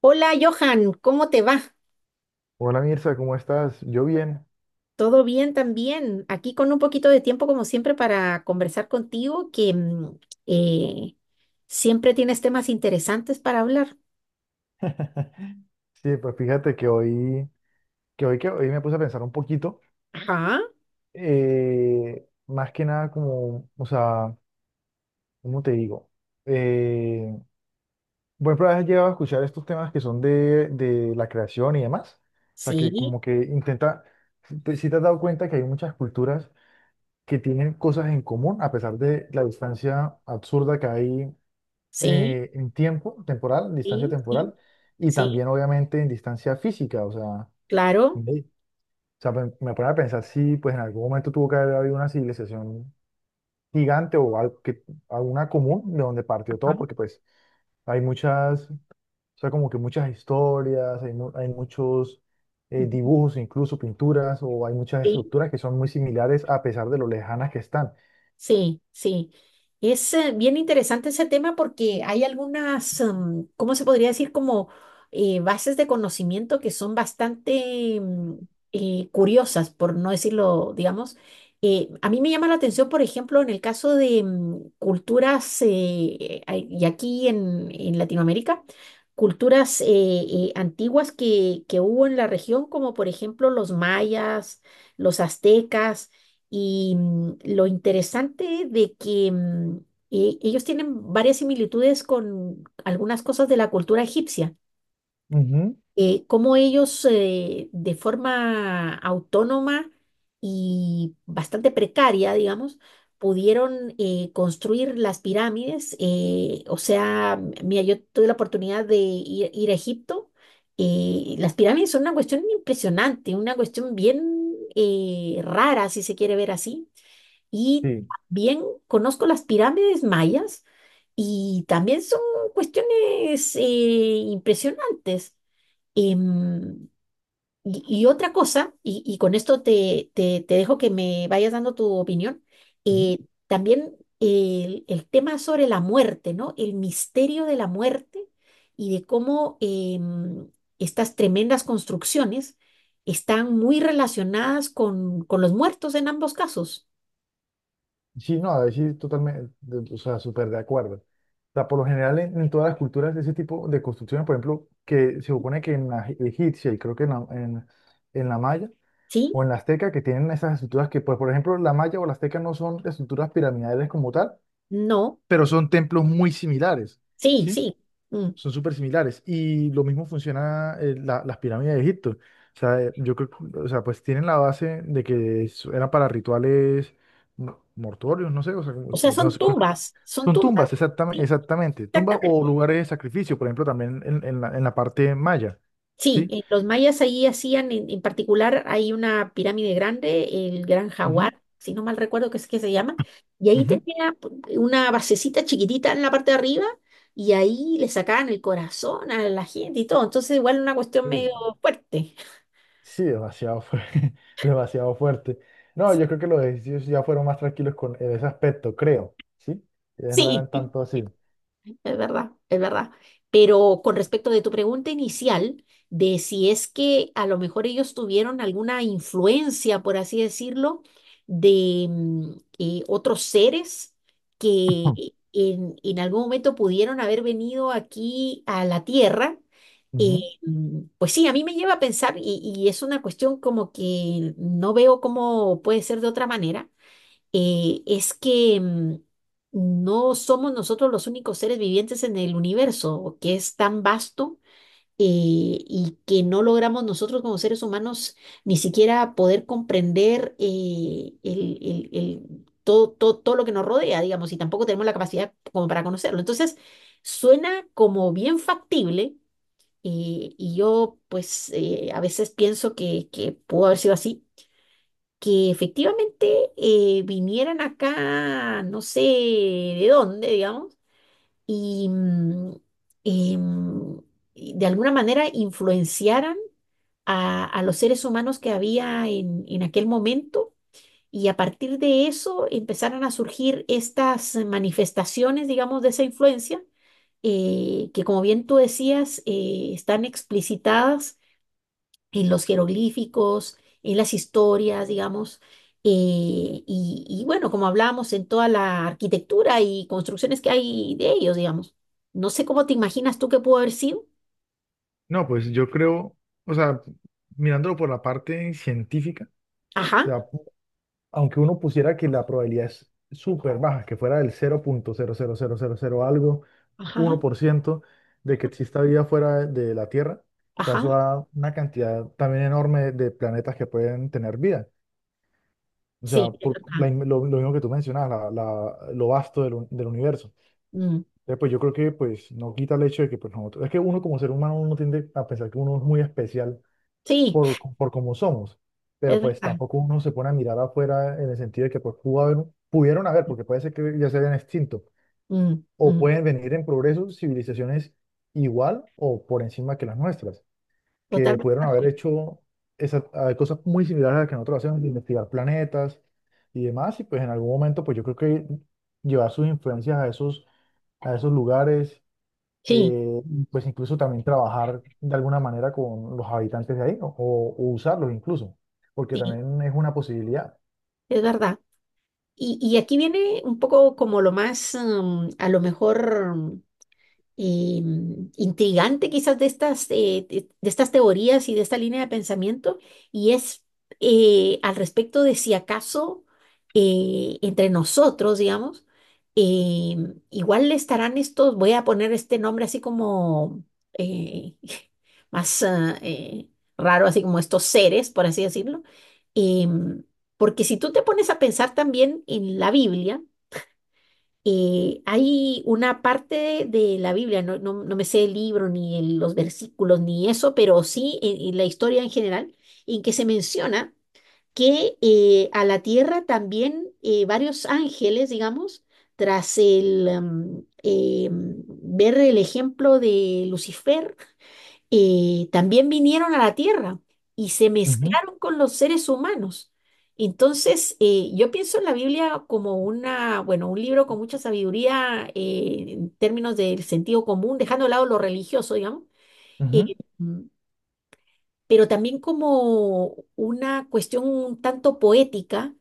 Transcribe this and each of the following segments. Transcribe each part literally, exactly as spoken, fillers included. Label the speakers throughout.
Speaker 1: Hola Johan, ¿cómo te va?
Speaker 2: Hola Mirza, ¿cómo estás? Yo bien.
Speaker 1: ¿Todo bien también? Aquí con un poquito de tiempo como siempre para conversar contigo, que mm, eh, siempre tienes temas interesantes para hablar.
Speaker 2: Sí, pues fíjate que hoy, que hoy, que hoy me puse a pensar un poquito,
Speaker 1: Ajá,
Speaker 2: eh, más que nada como, o sea, ¿cómo te digo? Eh, por ejemplo, has llegado a escuchar estos temas que son de, de la creación y demás. O sea, que
Speaker 1: sí,
Speaker 2: como que intenta, si si te has dado cuenta que hay muchas culturas que tienen cosas en común a pesar de la distancia absurda que hay
Speaker 1: sí,
Speaker 2: eh, en tiempo temporal, en distancia
Speaker 1: sí, sí,
Speaker 2: temporal, y
Speaker 1: sí,
Speaker 2: también obviamente en distancia física. O sea,
Speaker 1: claro.
Speaker 2: ey. O sea, pe- me pone a pensar si pues en algún momento tuvo que haber habido una civilización gigante o algo que, alguna común de donde partió
Speaker 1: Ajá,
Speaker 2: todo, porque pues hay muchas, o sea, como que muchas historias, hay, mu- hay muchos eh,
Speaker 1: ujú,
Speaker 2: dibujos, incluso pinturas, o hay muchas
Speaker 1: sí.
Speaker 2: estructuras que son muy similares a pesar de lo lejanas que están.
Speaker 1: Sí, sí. Es eh, bien interesante ese tema porque hay algunas, mm, ¿cómo se podría decir? Como eh, bases de conocimiento que son bastante mm, eh, curiosas, por no decirlo, digamos. Eh, a mí me llama la atención, por ejemplo, en el caso de mm, culturas, eh, a- y aquí en, en Latinoamérica, culturas eh, eh, antiguas que, que hubo en la región, como por ejemplo los mayas, los aztecas y mm, lo interesante de que mm, e- ellos tienen varias similitudes con algunas cosas de la cultura egipcia,
Speaker 2: Ujú.
Speaker 1: eh, cómo ellos eh, de forma autónoma y bastante precaria, digamos, pudieron eh, construir las pirámides. Eh, o sea, m- mira, yo tuve la oportunidad de ir, ir a Egipto. Eh, las pirámides son una cuestión impresionante, una cuestión bien eh, rara, si se quiere ver así, y
Speaker 2: Sí.
Speaker 1: también conozco las pirámides mayas y también son cuestiones eh, impresionantes. Em, y, y otra cosa, y, y con esto te, te- te dejo que me vayas dando tu opinión, eh, también el, el tema sobre la muerte, ¿no? El misterio de la muerte y de cómo em, estas tremendas construcciones están muy relacionadas con, con los muertos en ambos casos.
Speaker 2: Sí, no, ahí sí, totalmente, de- o sea, súper de acuerdo. O sea, por lo general en, en todas las culturas ese tipo de construcciones, por ejemplo, que se supone que en la e- egipcia y creo que en la, en, en la maya
Speaker 1: ¿Sí?
Speaker 2: o en la azteca que tienen esas estructuras que, pues, por ejemplo, la maya o la azteca no son estructuras piramidales como tal,
Speaker 1: No.
Speaker 2: pero son templos muy similares,
Speaker 1: Sí,
Speaker 2: ¿sí?
Speaker 1: sí. Mm.
Speaker 2: Son súper similares. Y lo mismo funciona eh, la- las pirámides de Egipto. O sea, eh, yo creo, que- o sea, pues tienen la base de que es- eran para rituales mo- mortuorios, no sé, o sea, como-
Speaker 1: O sea,
Speaker 2: no
Speaker 1: son
Speaker 2: sé, creo que
Speaker 1: tumbas, son
Speaker 2: son
Speaker 1: tumbas.
Speaker 2: tumbas, exactamente,
Speaker 1: Sí,
Speaker 2: exactamente. Tumbas o
Speaker 1: exactamente.
Speaker 2: lugares de sacrificio, por ejemplo, también en, en la, en la parte maya.
Speaker 1: Sí,
Speaker 2: ¿Sí?
Speaker 1: eh, los mayas ahí hacían, en, en particular, hay una pirámide grande, el Gran
Speaker 2: Ujú,
Speaker 1: Jaguar, si no mal recuerdo que es que se llama, y ahí
Speaker 2: ujú.
Speaker 1: tenía p- una basecita chiquitita en la parte de arriba, y ahí le sacaban el corazón a la gente y todo. Entonces, igual una cuestión
Speaker 2: Uy,
Speaker 1: medio
Speaker 2: no.
Speaker 1: fuerte.
Speaker 2: Sí, demasiado fuerte, demasiado fuerte. No, yo creo que los egipcios ya fueron más tranquilos con en ese aspecto, creo, ¿sí? Ellos no
Speaker 1: Sí.
Speaker 2: eran tanto así.
Speaker 1: Es verdad, es verdad. Pero con respecto de tu pregunta inicial, de si es que a lo mejor ellos tuvieron alguna influencia, por así decirlo, de mm, eh, otros seres que en, en algún momento pudieron haber venido aquí a la Tierra, eh, mm, pues sí, a mí me lleva a pensar, y, y es una cuestión como que no veo cómo puede ser de otra manera. Eh, es que mm, no somos nosotros los únicos seres vivientes en el universo, que es tan vasto, eh, y que no logramos nosotros como seres humanos ni siquiera poder comprender eh, el, el- el- todo, todo, todo lo que nos rodea, digamos, y tampoco tenemos la capacidad como para conocerlo. Entonces, suena como bien factible. Eh, y yo, pues, eh, a veces pienso que, que pudo haber sido así, que efectivamente eh, vinieran acá, no sé de dónde, digamos, y, mm, y, mm, y de alguna manera influenciaran a, a los seres humanos que había en, en aquel momento. Y a partir de eso empezaron a surgir estas manifestaciones, digamos, de esa influencia, eh, que como bien tú decías, eh, están explicitadas en los jeroglíficos, en las historias, digamos, eh, y, y bueno, como hablamos, en toda la arquitectura y construcciones que hay de ellos, digamos. No sé cómo te imaginas tú que pudo haber sido.
Speaker 2: No, pues yo creo, o sea, mirándolo por la parte científica, o
Speaker 1: Ajá,
Speaker 2: sea, aunque uno pusiera que la probabilidad es súper baja, que fuera del cero punto cero cero cero cero cero algo,
Speaker 1: ajá,
Speaker 2: uno por ciento de que exista vida fuera de la Tierra, o sea,
Speaker 1: ajá,
Speaker 2: eso da una cantidad también enorme de planetas que pueden tener vida. O
Speaker 1: sí,
Speaker 2: sea,
Speaker 1: es
Speaker 2: por
Speaker 1: verdad.
Speaker 2: la in- lo, lo mismo que tú mencionabas, la- la- lo vasto del, un- del universo.
Speaker 1: Mm,
Speaker 2: Entonces, pues yo creo que pues no quita el hecho de que pues nosotros, es que uno como ser humano uno tiende a pensar que uno es muy especial
Speaker 1: sí,
Speaker 2: por, por cómo somos. Pero
Speaker 1: es
Speaker 2: pues
Speaker 1: verdad.
Speaker 2: tampoco uno se pone a mirar afuera en el sentido de que pues pudo haber- pudieron haber, porque puede ser que ya se hayan extinto,
Speaker 1: Mm,
Speaker 2: o
Speaker 1: mm,
Speaker 2: pueden venir en progreso civilizaciones igual o por encima que las nuestras, que
Speaker 1: totalmente
Speaker 2: pudieron
Speaker 1: de
Speaker 2: haber
Speaker 1: acuerdo.
Speaker 2: hecho esas, ah, cosas muy similares a las que nosotros hacemos, de investigar planetas y demás, y pues en algún momento pues yo creo que llevar sus influencias a esos, a esos lugares
Speaker 1: Sí,
Speaker 2: eh, y pues incluso también trabajar de alguna manera con los habitantes de ahí o, o, usarlos incluso, porque
Speaker 1: sí,
Speaker 2: también es una posibilidad.
Speaker 1: es verdad. Y, y aquí viene un poco como lo más, mm, a lo mejor eh, intrigante quizás de estas, eh, de, de estas teorías y de esta línea de pensamiento, y es eh, al respecto de si acaso eh, entre nosotros, digamos, eh, igual estarán estos, voy a poner este nombre así como eh, más ah, eh, raro, así como estos seres, por así decirlo, em, porque si tú te pones a pensar también en la Biblia, eh, hay una parte de la Biblia, no, no- no me sé el libro, ni el- los versículos, ni eso, pero sí en, en la historia en general, en que se menciona que eh, a la tierra también eh, varios ángeles, digamos, tras el, em, em, ver el ejemplo de Lucifer, eh, también vinieron a la Tierra y se
Speaker 2: Ujú,
Speaker 1: mezclaron con los seres humanos. Entonces, eh, yo pienso en la Biblia como una, bueno, un libro con mucha sabiduría eh, en términos del sentido común, dejando de lado lo religioso, digamos.
Speaker 2: ujú.
Speaker 1: Eh, pero también como una cuestión un tanto poética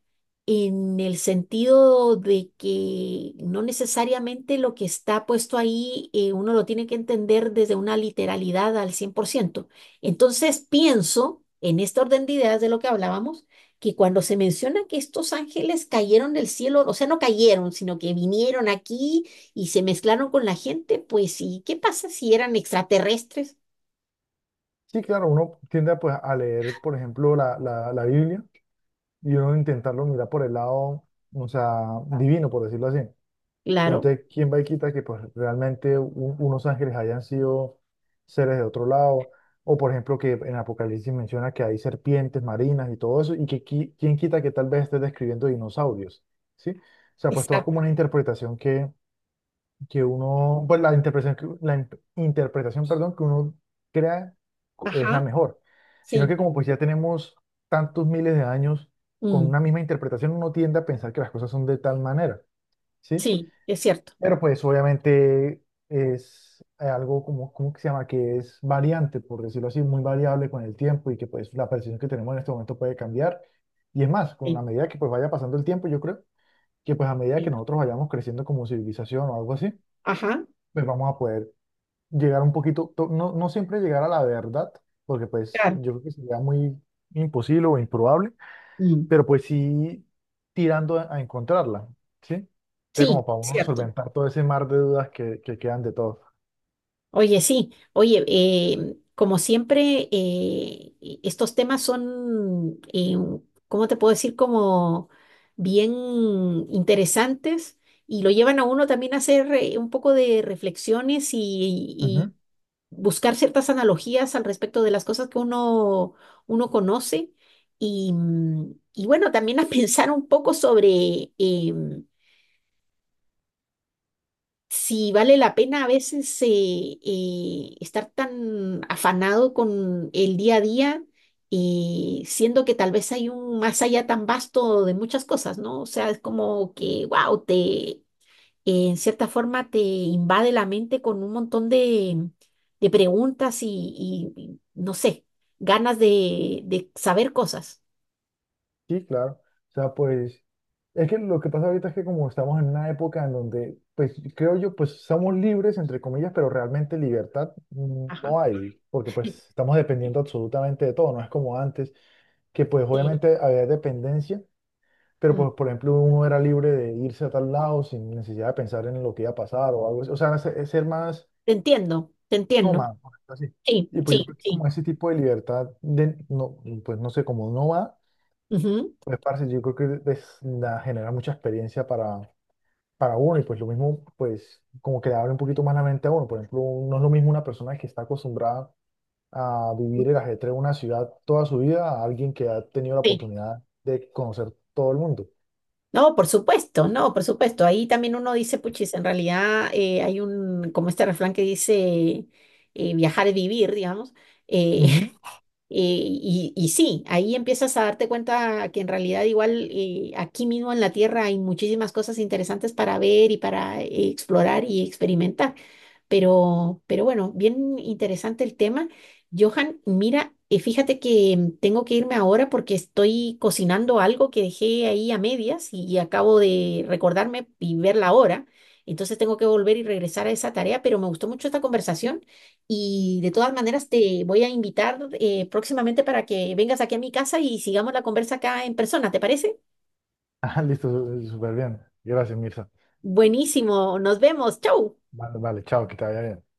Speaker 1: en el sentido de que no necesariamente lo que está puesto ahí eh, uno lo tiene que entender desde una literalidad al cien por ciento. Entonces pienso, en este orden de ideas de lo que hablábamos, que cuando se menciona que estos ángeles cayeron del cielo, o sea, no cayeron, sino que vinieron aquí y se mezclaron con la gente, pues sí, ¿qué pasa si eran extraterrestres?
Speaker 2: Sí, claro, uno tiende pues, a leer, por ejemplo, la, la, la Biblia y uno intentarlo mirar por el lado, o sea, divino, por decirlo así. Pero
Speaker 1: Claro,
Speaker 2: entonces, ¿quién va y quita que pues, realmente u- unos ángeles hayan sido seres de otro lado? O por ejemplo, que en Apocalipsis menciona que hay serpientes marinas y todo eso, y que qui- quién quita que tal vez esté describiendo dinosaurios, ¿sí? O sea, pues todo es
Speaker 1: exacto.
Speaker 2: como una interpretación que, que uno, pues la interpretación, que- la in- interpretación, perdón, que uno crea co- es la
Speaker 1: Ajá.
Speaker 2: mejor. Sino
Speaker 1: Sí,
Speaker 2: que como pues ya tenemos tantos miles de años con
Speaker 1: mm,
Speaker 2: una misma interpretación, uno tiende a pensar que las cosas son de tal manera, ¿sí?
Speaker 1: sí, es cierto.
Speaker 2: Pero pues obviamente es algo como, ¿cómo que se llama? Que es variante, por decirlo así, muy variable con el tiempo y que pues la percepción que tenemos en este momento puede cambiar. Y es más, con la
Speaker 1: Sí,
Speaker 2: medida que pues vaya pasando el tiempo, yo creo que pues a medida que
Speaker 1: sí.
Speaker 2: nosotros vayamos creciendo como civilización o algo así,
Speaker 1: Ajá,
Speaker 2: pues vamos a poder llegar un poquito, to- no, no siempre llegar a la verdad, porque pues
Speaker 1: claro.
Speaker 2: yo creo que sería muy imposible o improbable
Speaker 1: Mm,
Speaker 2: pero pues sí tirando a, a encontrarla, ¿sí? Entonces,
Speaker 1: sí,
Speaker 2: como para uno
Speaker 1: cierto.
Speaker 2: solventar todo ese mar de dudas que, que quedan de todo.
Speaker 1: Oye, sí, oye, eh, como siempre, eh, e- estos temas son, eh, ¿cómo te puedo decir? Como bien interesantes, y lo llevan a uno también a hacer eh, un poco de reflexiones y
Speaker 2: Ujú.
Speaker 1: buscar ciertas analogías al respecto de las cosas que uno, uno conoce y, mm, y bueno, también a pensar un poco sobre em, si vale la pena a veces eh, eh, estar tan afanado con el día a día, eh, siendo que tal vez hay un más allá tan vasto de muchas cosas, ¿no? O sea, es como que, wow, te eh, en cierta forma te invade la mente con un montón de, de preguntas y, y- y, no sé, ganas de, de saber cosas.
Speaker 2: Sí, claro. O sea, pues es que lo que pasa ahorita es que como estamos en una época en donde, pues creo yo, pues somos libres, entre comillas, pero realmente libertad mm,
Speaker 1: Ajá.
Speaker 2: no hay, porque pues estamos dependiendo absolutamente de todo, no es como antes, que pues
Speaker 1: Sí,
Speaker 2: obviamente había dependencia. Pero,
Speaker 1: mm,
Speaker 2: pues, por ejemplo, uno era libre de irse a tal lado sin necesidad de pensar en lo que iba a pasar o algo así. O sea, era es ser más
Speaker 1: te entiendo, te entiendo.
Speaker 2: nómada, por decirlo así.
Speaker 1: Sí,
Speaker 2: Y pues yo
Speaker 1: sí,
Speaker 2: creo que como
Speaker 1: sí.
Speaker 2: ese tipo de libertad, de, no, pues no sé, como nómada, pues parce, yo creo que es- da- genera mucha experiencia para, para uno y pues lo mismo, pues como que le abre un poquito más la mente a uno. Por ejemplo, no es lo mismo una persona que está acostumbrada a
Speaker 1: Ujú,
Speaker 2: vivir el ajetreo de una ciudad toda su vida a alguien que ha tenido la
Speaker 1: sí.
Speaker 2: oportunidad de conocer todo el mundo.
Speaker 1: No, por supuesto, no, por supuesto. Ahí también uno dice, puchis, en realidad eh, hay un, como este refrán que dice, eh, viajar es vivir, digamos. Eh,
Speaker 2: Ujú.
Speaker 1: Eh, y, y sí, ahí empiezas a darte cuenta que en realidad igual eh, aquí mismo en la Tierra hay muchísimas cosas interesantes para ver y para eh, explorar y experimentar. Pero, pero bueno, bien interesante el tema. Johan, mira, eh, fíjate que mm, tengo que irme ahora porque estoy cocinando algo que dejé ahí a medias y, y acabo de recordarme y ver la hora. Entonces tengo que volver y regresar a esa tarea, pero me gustó mucho esta conversación y de todas maneras te voy a invitar eh, próximamente para que vengas aquí a mi casa y sigamos la conversa acá en persona, ¿te parece?
Speaker 2: Ah, listo, súper bien. Gracias, Mirza.
Speaker 1: Buenísimo, nos vemos, chau.
Speaker 2: Vale, vale, chao, que te vaya bien.